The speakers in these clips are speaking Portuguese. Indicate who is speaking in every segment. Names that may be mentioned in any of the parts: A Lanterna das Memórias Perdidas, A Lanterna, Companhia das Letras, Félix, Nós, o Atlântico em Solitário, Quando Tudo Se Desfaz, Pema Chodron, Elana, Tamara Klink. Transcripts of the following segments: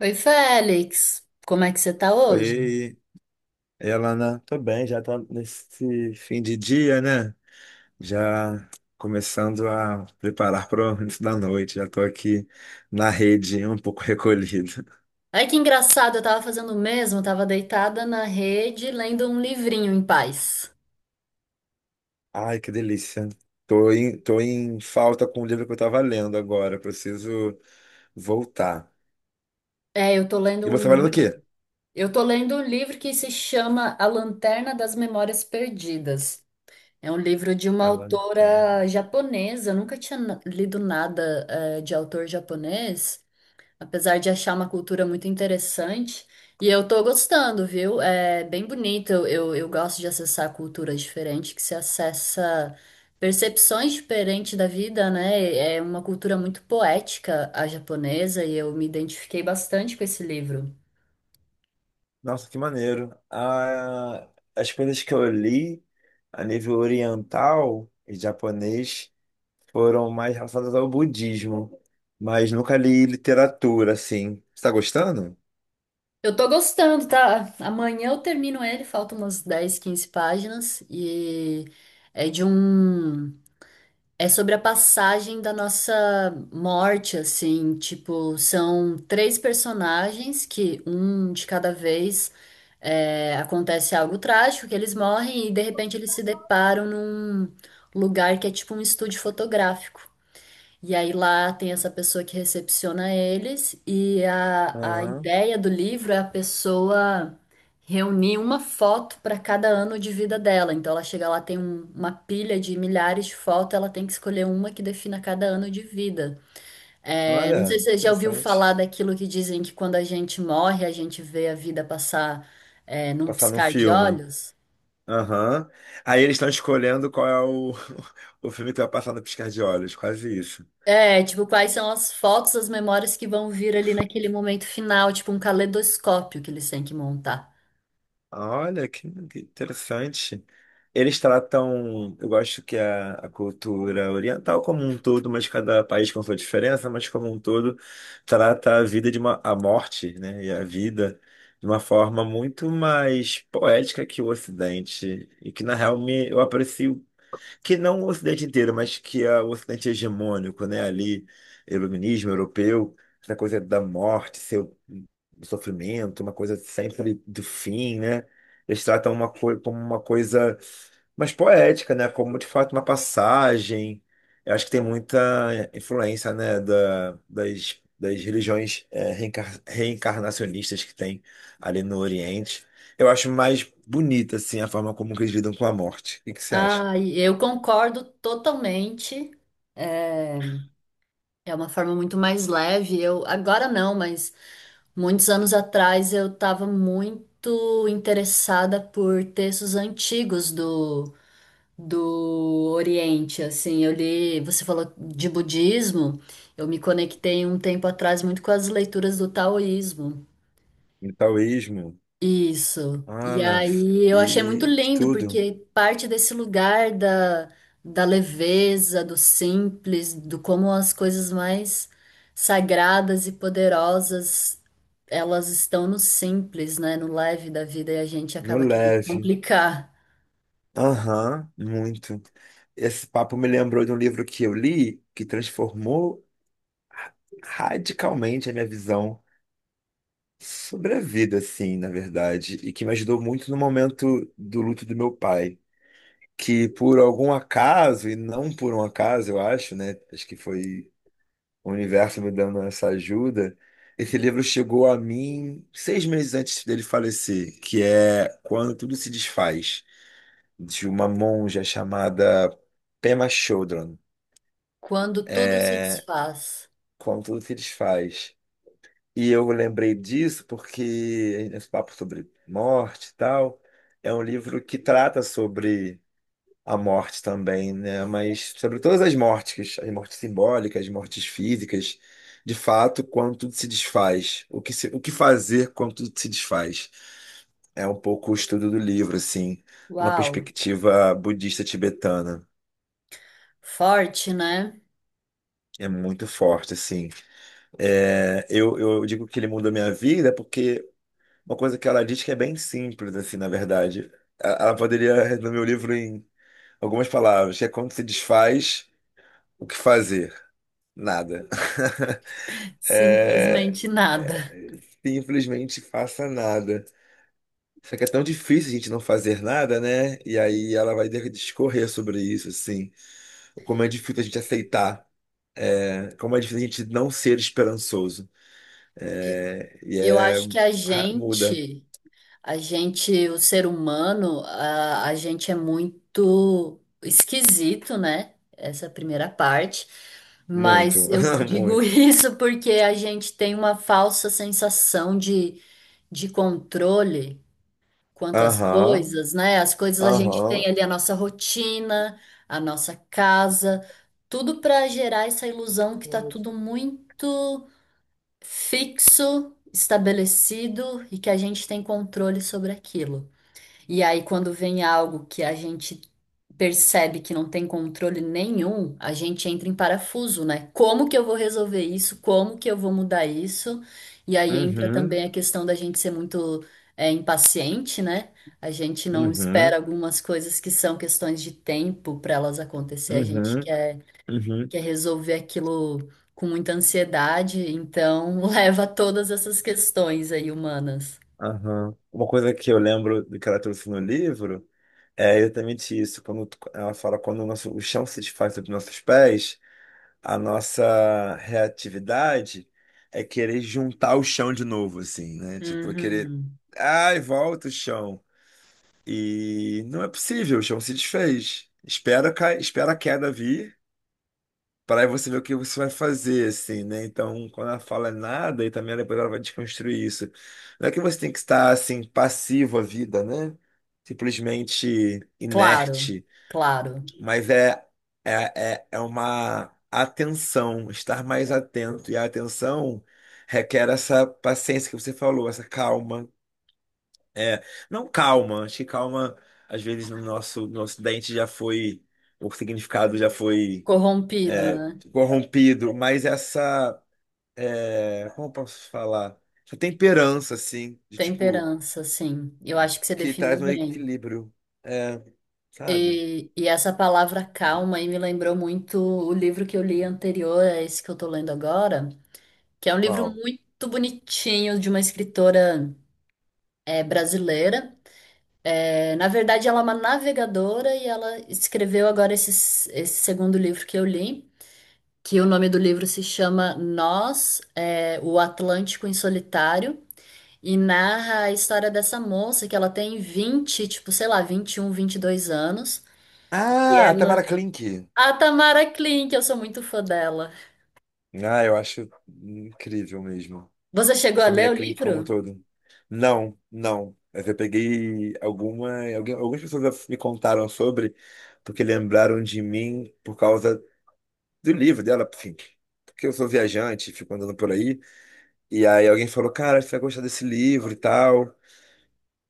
Speaker 1: Oi, Félix. Como é que você tá hoje?
Speaker 2: Oi, Elana. Tô bem, já tá nesse fim de dia, né? Já começando a preparar para o início da noite. Já tô aqui na rede, um pouco recolhido.
Speaker 1: Ai, que engraçado, eu tava fazendo o mesmo, eu tava deitada na rede lendo um livrinho em paz.
Speaker 2: Ai, que delícia. Tô em falta com o livro que eu tava lendo agora. Preciso voltar.
Speaker 1: É, eu tô lendo
Speaker 2: E
Speaker 1: um
Speaker 2: você vai lendo o quê?
Speaker 1: livro. Eu tô lendo um livro que se chama A Lanterna das Memórias Perdidas. É um livro de uma
Speaker 2: A Lanterna.
Speaker 1: autora japonesa, eu nunca tinha lido nada, de autor japonês. Apesar de achar uma cultura muito interessante. E eu tô gostando, viu? É bem bonito. Eu gosto de acessar culturas diferentes que se acessa percepções diferentes da vida, né? É uma cultura muito poética, a japonesa, e eu me identifiquei bastante com esse livro.
Speaker 2: Nossa, que maneiro. Ah, as coisas que eu li a nível oriental e japonês foram mais relacionadas ao budismo, mas nunca li literatura, assim. Você está gostando?
Speaker 1: Eu tô gostando, tá? Amanhã eu termino ele, faltam umas 10 15 páginas, e é de um. É sobre a passagem da nossa morte, assim, tipo, são três personagens que um de cada vez acontece algo trágico, que eles morrem e de repente eles se deparam num lugar que é tipo um estúdio fotográfico. E aí lá tem essa pessoa que recepciona eles, e a
Speaker 2: Aham.
Speaker 1: ideia do livro é a pessoa reunir uma foto para cada ano de vida dela. Então ela chega lá, tem uma pilha de milhares de fotos, ela tem que escolher uma que defina cada ano de vida. É, não
Speaker 2: Olha,
Speaker 1: sei se você já ouviu
Speaker 2: interessante.
Speaker 1: falar daquilo que dizem que quando a gente morre, a gente vê a vida passar, num
Speaker 2: Passar num
Speaker 1: piscar de
Speaker 2: filme.
Speaker 1: olhos.
Speaker 2: Aham. Aí eles estão escolhendo qual é o, o filme que vai passar no piscar de olhos, quase isso.
Speaker 1: É, tipo, quais são as fotos, as memórias que vão vir ali naquele momento final, tipo um caleidoscópio que eles têm que montar.
Speaker 2: Olha, que interessante. Eles tratam, eu gosto que a cultura oriental como um todo, mas cada país com sua diferença, mas como um todo, trata a vida de uma, a morte, né, e a vida de uma forma muito mais poética que o Ocidente, e que na real me, eu aprecio que não o Ocidente inteiro, mas que é o Ocidente hegemônico, né? Ali, iluminismo europeu, essa coisa da morte, seu sofrimento, uma coisa sempre do fim, né? Eles tratam uma coisa como uma coisa mais poética, né? Como de fato uma passagem. Eu acho que tem muita influência, né? Da, das religiões reencarnacionistas que tem ali no Oriente. Eu acho mais bonita, assim, a forma como eles lidam com a morte. O que que você acha?
Speaker 1: Ah, e eu concordo totalmente. É, é uma forma muito mais leve. Eu agora não, mas muitos anos atrás eu estava muito interessada por textos antigos do Oriente, assim, eu li, você falou de budismo, eu me conectei um tempo atrás muito com as leituras do taoísmo.
Speaker 2: No taoísmo,
Speaker 1: Isso. E
Speaker 2: Ana,
Speaker 1: aí eu achei muito
Speaker 2: e
Speaker 1: lindo,
Speaker 2: tudo,
Speaker 1: porque parte desse lugar da leveza, do simples, do como as coisas mais sagradas e poderosas, elas estão no simples, né? No leve da vida, e a gente
Speaker 2: no
Speaker 1: acaba querendo
Speaker 2: leve.
Speaker 1: complicar.
Speaker 2: Aham, muito. Esse papo me lembrou de um livro que eu li que transformou radicalmente a minha visão sobre a vida, assim, na verdade, e que me ajudou muito no momento do luto do meu pai, que por algum acaso, e não por um acaso, eu acho, né? Acho que foi o universo me dando essa ajuda. Esse livro chegou a mim 6 meses antes dele falecer, que é Quando Tudo Se Desfaz, de uma monja chamada Pema Chodron.
Speaker 1: Quando tudo se
Speaker 2: É,
Speaker 1: desfaz.
Speaker 2: Quando Tudo Se Desfaz. E eu lembrei disso porque esse papo sobre morte e tal, é um livro que trata sobre a morte também, né? Mas sobre todas as mortes simbólicas, as mortes físicas, de fato, quando tudo se desfaz, o que fazer quando tudo se desfaz? É um pouco o estudo do livro, assim, uma
Speaker 1: Uau!
Speaker 2: perspectiva budista tibetana.
Speaker 1: Forte, né?
Speaker 2: É muito forte, assim. É, eu digo que ele mudou minha vida porque uma coisa que ela diz que é bem simples, assim, na verdade. Ela poderia resumir o livro em algumas palavras, que é quando se desfaz, o que fazer? Nada. é,
Speaker 1: Simplesmente nada.
Speaker 2: Simplesmente faça nada. Só que é tão difícil a gente não fazer nada, né? E aí ela vai ter que discorrer sobre isso, assim. Como é difícil a gente aceitar, né? Como é difícil a gente não ser esperançoso. É, e
Speaker 1: Eu
Speaker 2: é.
Speaker 1: acho que a
Speaker 2: Muda.
Speaker 1: gente A gente, o ser humano, a gente é muito esquisito, né? Essa primeira parte. Mas
Speaker 2: Muito,
Speaker 1: eu digo
Speaker 2: muito.
Speaker 1: isso porque a gente tem uma falsa sensação de controle quanto às
Speaker 2: Aham,
Speaker 1: coisas, né? As coisas a gente
Speaker 2: aham.
Speaker 1: tem ali a nossa rotina, a nossa casa, tudo para gerar essa ilusão que tá tudo muito fixo, estabelecido e que a gente tem controle sobre aquilo. E aí, quando vem algo que a gente percebe que não tem controle nenhum, a gente entra em parafuso, né? Como que eu vou resolver isso? Como que eu vou mudar isso? E aí entra
Speaker 2: Uhum,
Speaker 1: também a questão da gente ser muito, impaciente, né? A gente não espera
Speaker 2: uhum,
Speaker 1: algumas coisas que são questões de tempo para elas acontecer. A gente
Speaker 2: uhum,
Speaker 1: quer,
Speaker 2: uhum,
Speaker 1: quer resolver aquilo com muita ansiedade, então leva a todas essas questões aí humanas.
Speaker 2: aham. Uma coisa que eu lembro do que ela trouxe no livro é exatamente isso. Ela fala quando o nosso, o chão se desfaz sobre nossos pés, a nossa reatividade é querer juntar o chão de novo, assim, né? Tipo, é querer,
Speaker 1: Uhum.
Speaker 2: ai, volta o chão. E não é possível, o chão se desfez. Espera, cai, espera a queda vir, para aí você ver o que você vai fazer, assim, né? Então, quando ela fala nada, e também depois ela vai desconstruir isso. Não é que você tem que estar, assim, passivo à vida, né? Simplesmente
Speaker 1: Claro,
Speaker 2: inerte.
Speaker 1: claro.
Speaker 2: Mas é, é uma atenção, estar mais atento. E a atenção requer essa paciência que você falou, essa calma. É, não calma, acho que calma, às vezes, no nosso, no Ocidente já foi, o significado já foi
Speaker 1: Corrompido,
Speaker 2: é,
Speaker 1: né?
Speaker 2: corrompido, mas essa, é, como eu posso falar? Essa temperança, assim, de tipo,
Speaker 1: Temperança, sim. Eu acho que você
Speaker 2: que
Speaker 1: definiu
Speaker 2: traz um
Speaker 1: bem.
Speaker 2: equilíbrio, é, sabe?
Speaker 1: E essa palavra calma aí me lembrou muito o livro que eu li anterior a esse que eu tô lendo agora, que é um livro
Speaker 2: Qual?
Speaker 1: muito bonitinho de uma escritora brasileira. É, na verdade, ela é uma navegadora e ela escreveu agora esse segundo livro que eu li, que o nome do livro se chama Nós, é, o Atlântico em Solitário. E narra a história dessa moça que ela tem 20 tipo, sei lá, um 21, dois anos. E
Speaker 2: Ah, Tamara
Speaker 1: ela.
Speaker 2: Klink.
Speaker 1: A Tamara Klink, eu sou muito fã dela.
Speaker 2: Ah, eu acho incrível mesmo.
Speaker 1: Você
Speaker 2: A
Speaker 1: chegou a ler
Speaker 2: família
Speaker 1: o
Speaker 2: Klink como um
Speaker 1: livro?
Speaker 2: todo. Não, não. Mas eu peguei algumas pessoas me contaram sobre, porque lembraram de mim por causa do livro dela, enfim. Porque eu sou viajante, fico andando por aí. E aí alguém falou, cara, você vai gostar desse livro e tal.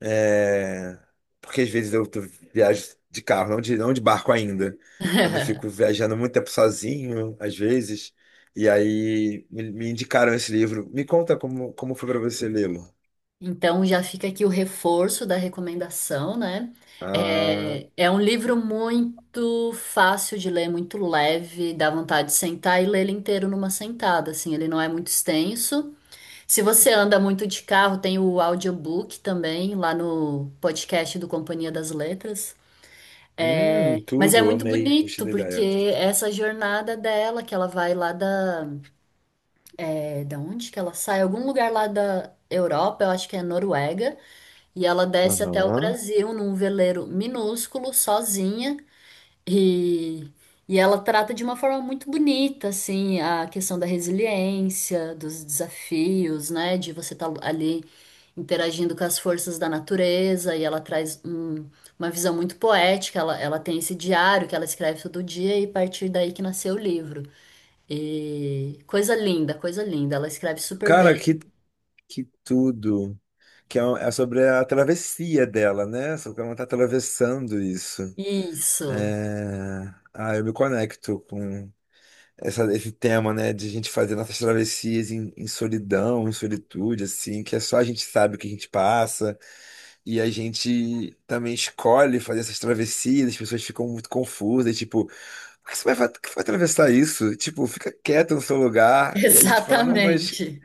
Speaker 2: É, porque às vezes viajo de carro, não de barco ainda. Quando eu fico viajando muito tempo sozinho, às vezes. E aí me indicaram esse livro. Me conta como foi para você lê-lo.
Speaker 1: Então já fica aqui o reforço da recomendação, né?
Speaker 2: Ah,
Speaker 1: É, é um livro muito fácil de ler, muito leve, dá vontade de sentar e ler ele inteiro numa sentada, assim, ele não é muito extenso. Se você anda muito de carro, tem o audiobook também, lá no podcast do Companhia das Letras. Mas é
Speaker 2: tudo,
Speaker 1: muito
Speaker 2: amei, gostei
Speaker 1: bonito,
Speaker 2: da
Speaker 1: porque
Speaker 2: ideia.
Speaker 1: essa jornada dela, que ela vai lá da. É, da onde que ela sai? Algum lugar lá da Europa, eu acho que é Noruega, e ela desce até o
Speaker 2: Aham.
Speaker 1: Brasil num veleiro minúsculo, sozinha. E, e ela trata de uma forma muito bonita, assim, a questão da resiliência, dos desafios, né? De você estar ali interagindo com as forças da natureza, e ela traz uma visão muito poética. Ela tem esse diário que ela escreve todo dia, e a partir daí que nasceu o livro. E coisa linda, coisa linda. Ela escreve super bem.
Speaker 2: Cara, que tudo. É sobre a travessia dela, né? Sobre como ela tá atravessando isso.
Speaker 1: Isso,
Speaker 2: É... Ah, eu me conecto com esse tema, né, de a gente fazer nossas travessias em, em solidão, em solitude, assim, que é só a gente sabe o que a gente passa, e a gente também escolhe fazer essas travessias, as pessoas ficam muito confusas, tipo, por que você vai, que vai atravessar isso? Tipo, fica quieto no seu lugar, e a gente fala, não, mas
Speaker 1: exatamente.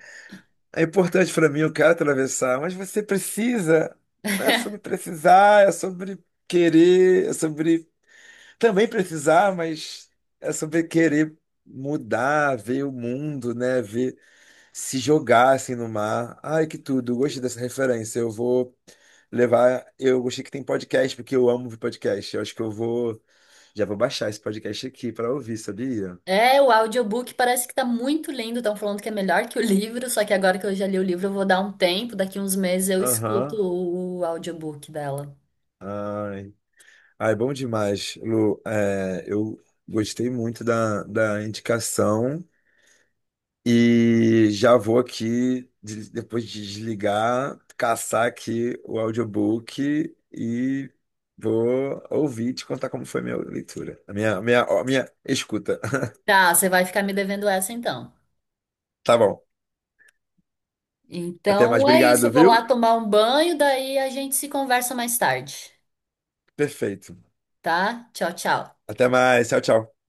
Speaker 2: é importante pra mim, eu quero atravessar, mas você precisa, não é sobre precisar, é sobre querer, é sobre também precisar, mas é sobre querer mudar, ver o mundo, né? Ver se jogar assim no mar. Ai, que tudo, gostei dessa referência. Eu vou levar. Eu gostei que tem podcast, porque eu amo ouvir podcast. Eu acho que eu vou. Já vou baixar esse podcast aqui para ouvir, sabia?
Speaker 1: É, o audiobook parece que tá muito lindo, estão falando que é melhor que o livro, só que agora que eu já li o livro, eu vou dar um tempo, daqui uns meses eu escuto
Speaker 2: Aham.
Speaker 1: o audiobook dela.
Speaker 2: Ai. Ai, bom demais, Lu. É, eu gostei muito da, da indicação. E já vou aqui, depois de desligar, caçar aqui o audiobook e vou ouvir e te contar como foi a minha leitura, a minha escuta.
Speaker 1: Tá, você vai ficar me devendo essa então.
Speaker 2: Tá bom. Até mais.
Speaker 1: Então é isso, eu
Speaker 2: Obrigado,
Speaker 1: vou lá
Speaker 2: viu?
Speaker 1: tomar um banho, daí a gente se conversa mais tarde,
Speaker 2: Perfeito.
Speaker 1: tá? Tchau, tchau.
Speaker 2: Até mais. Tchau, tchau.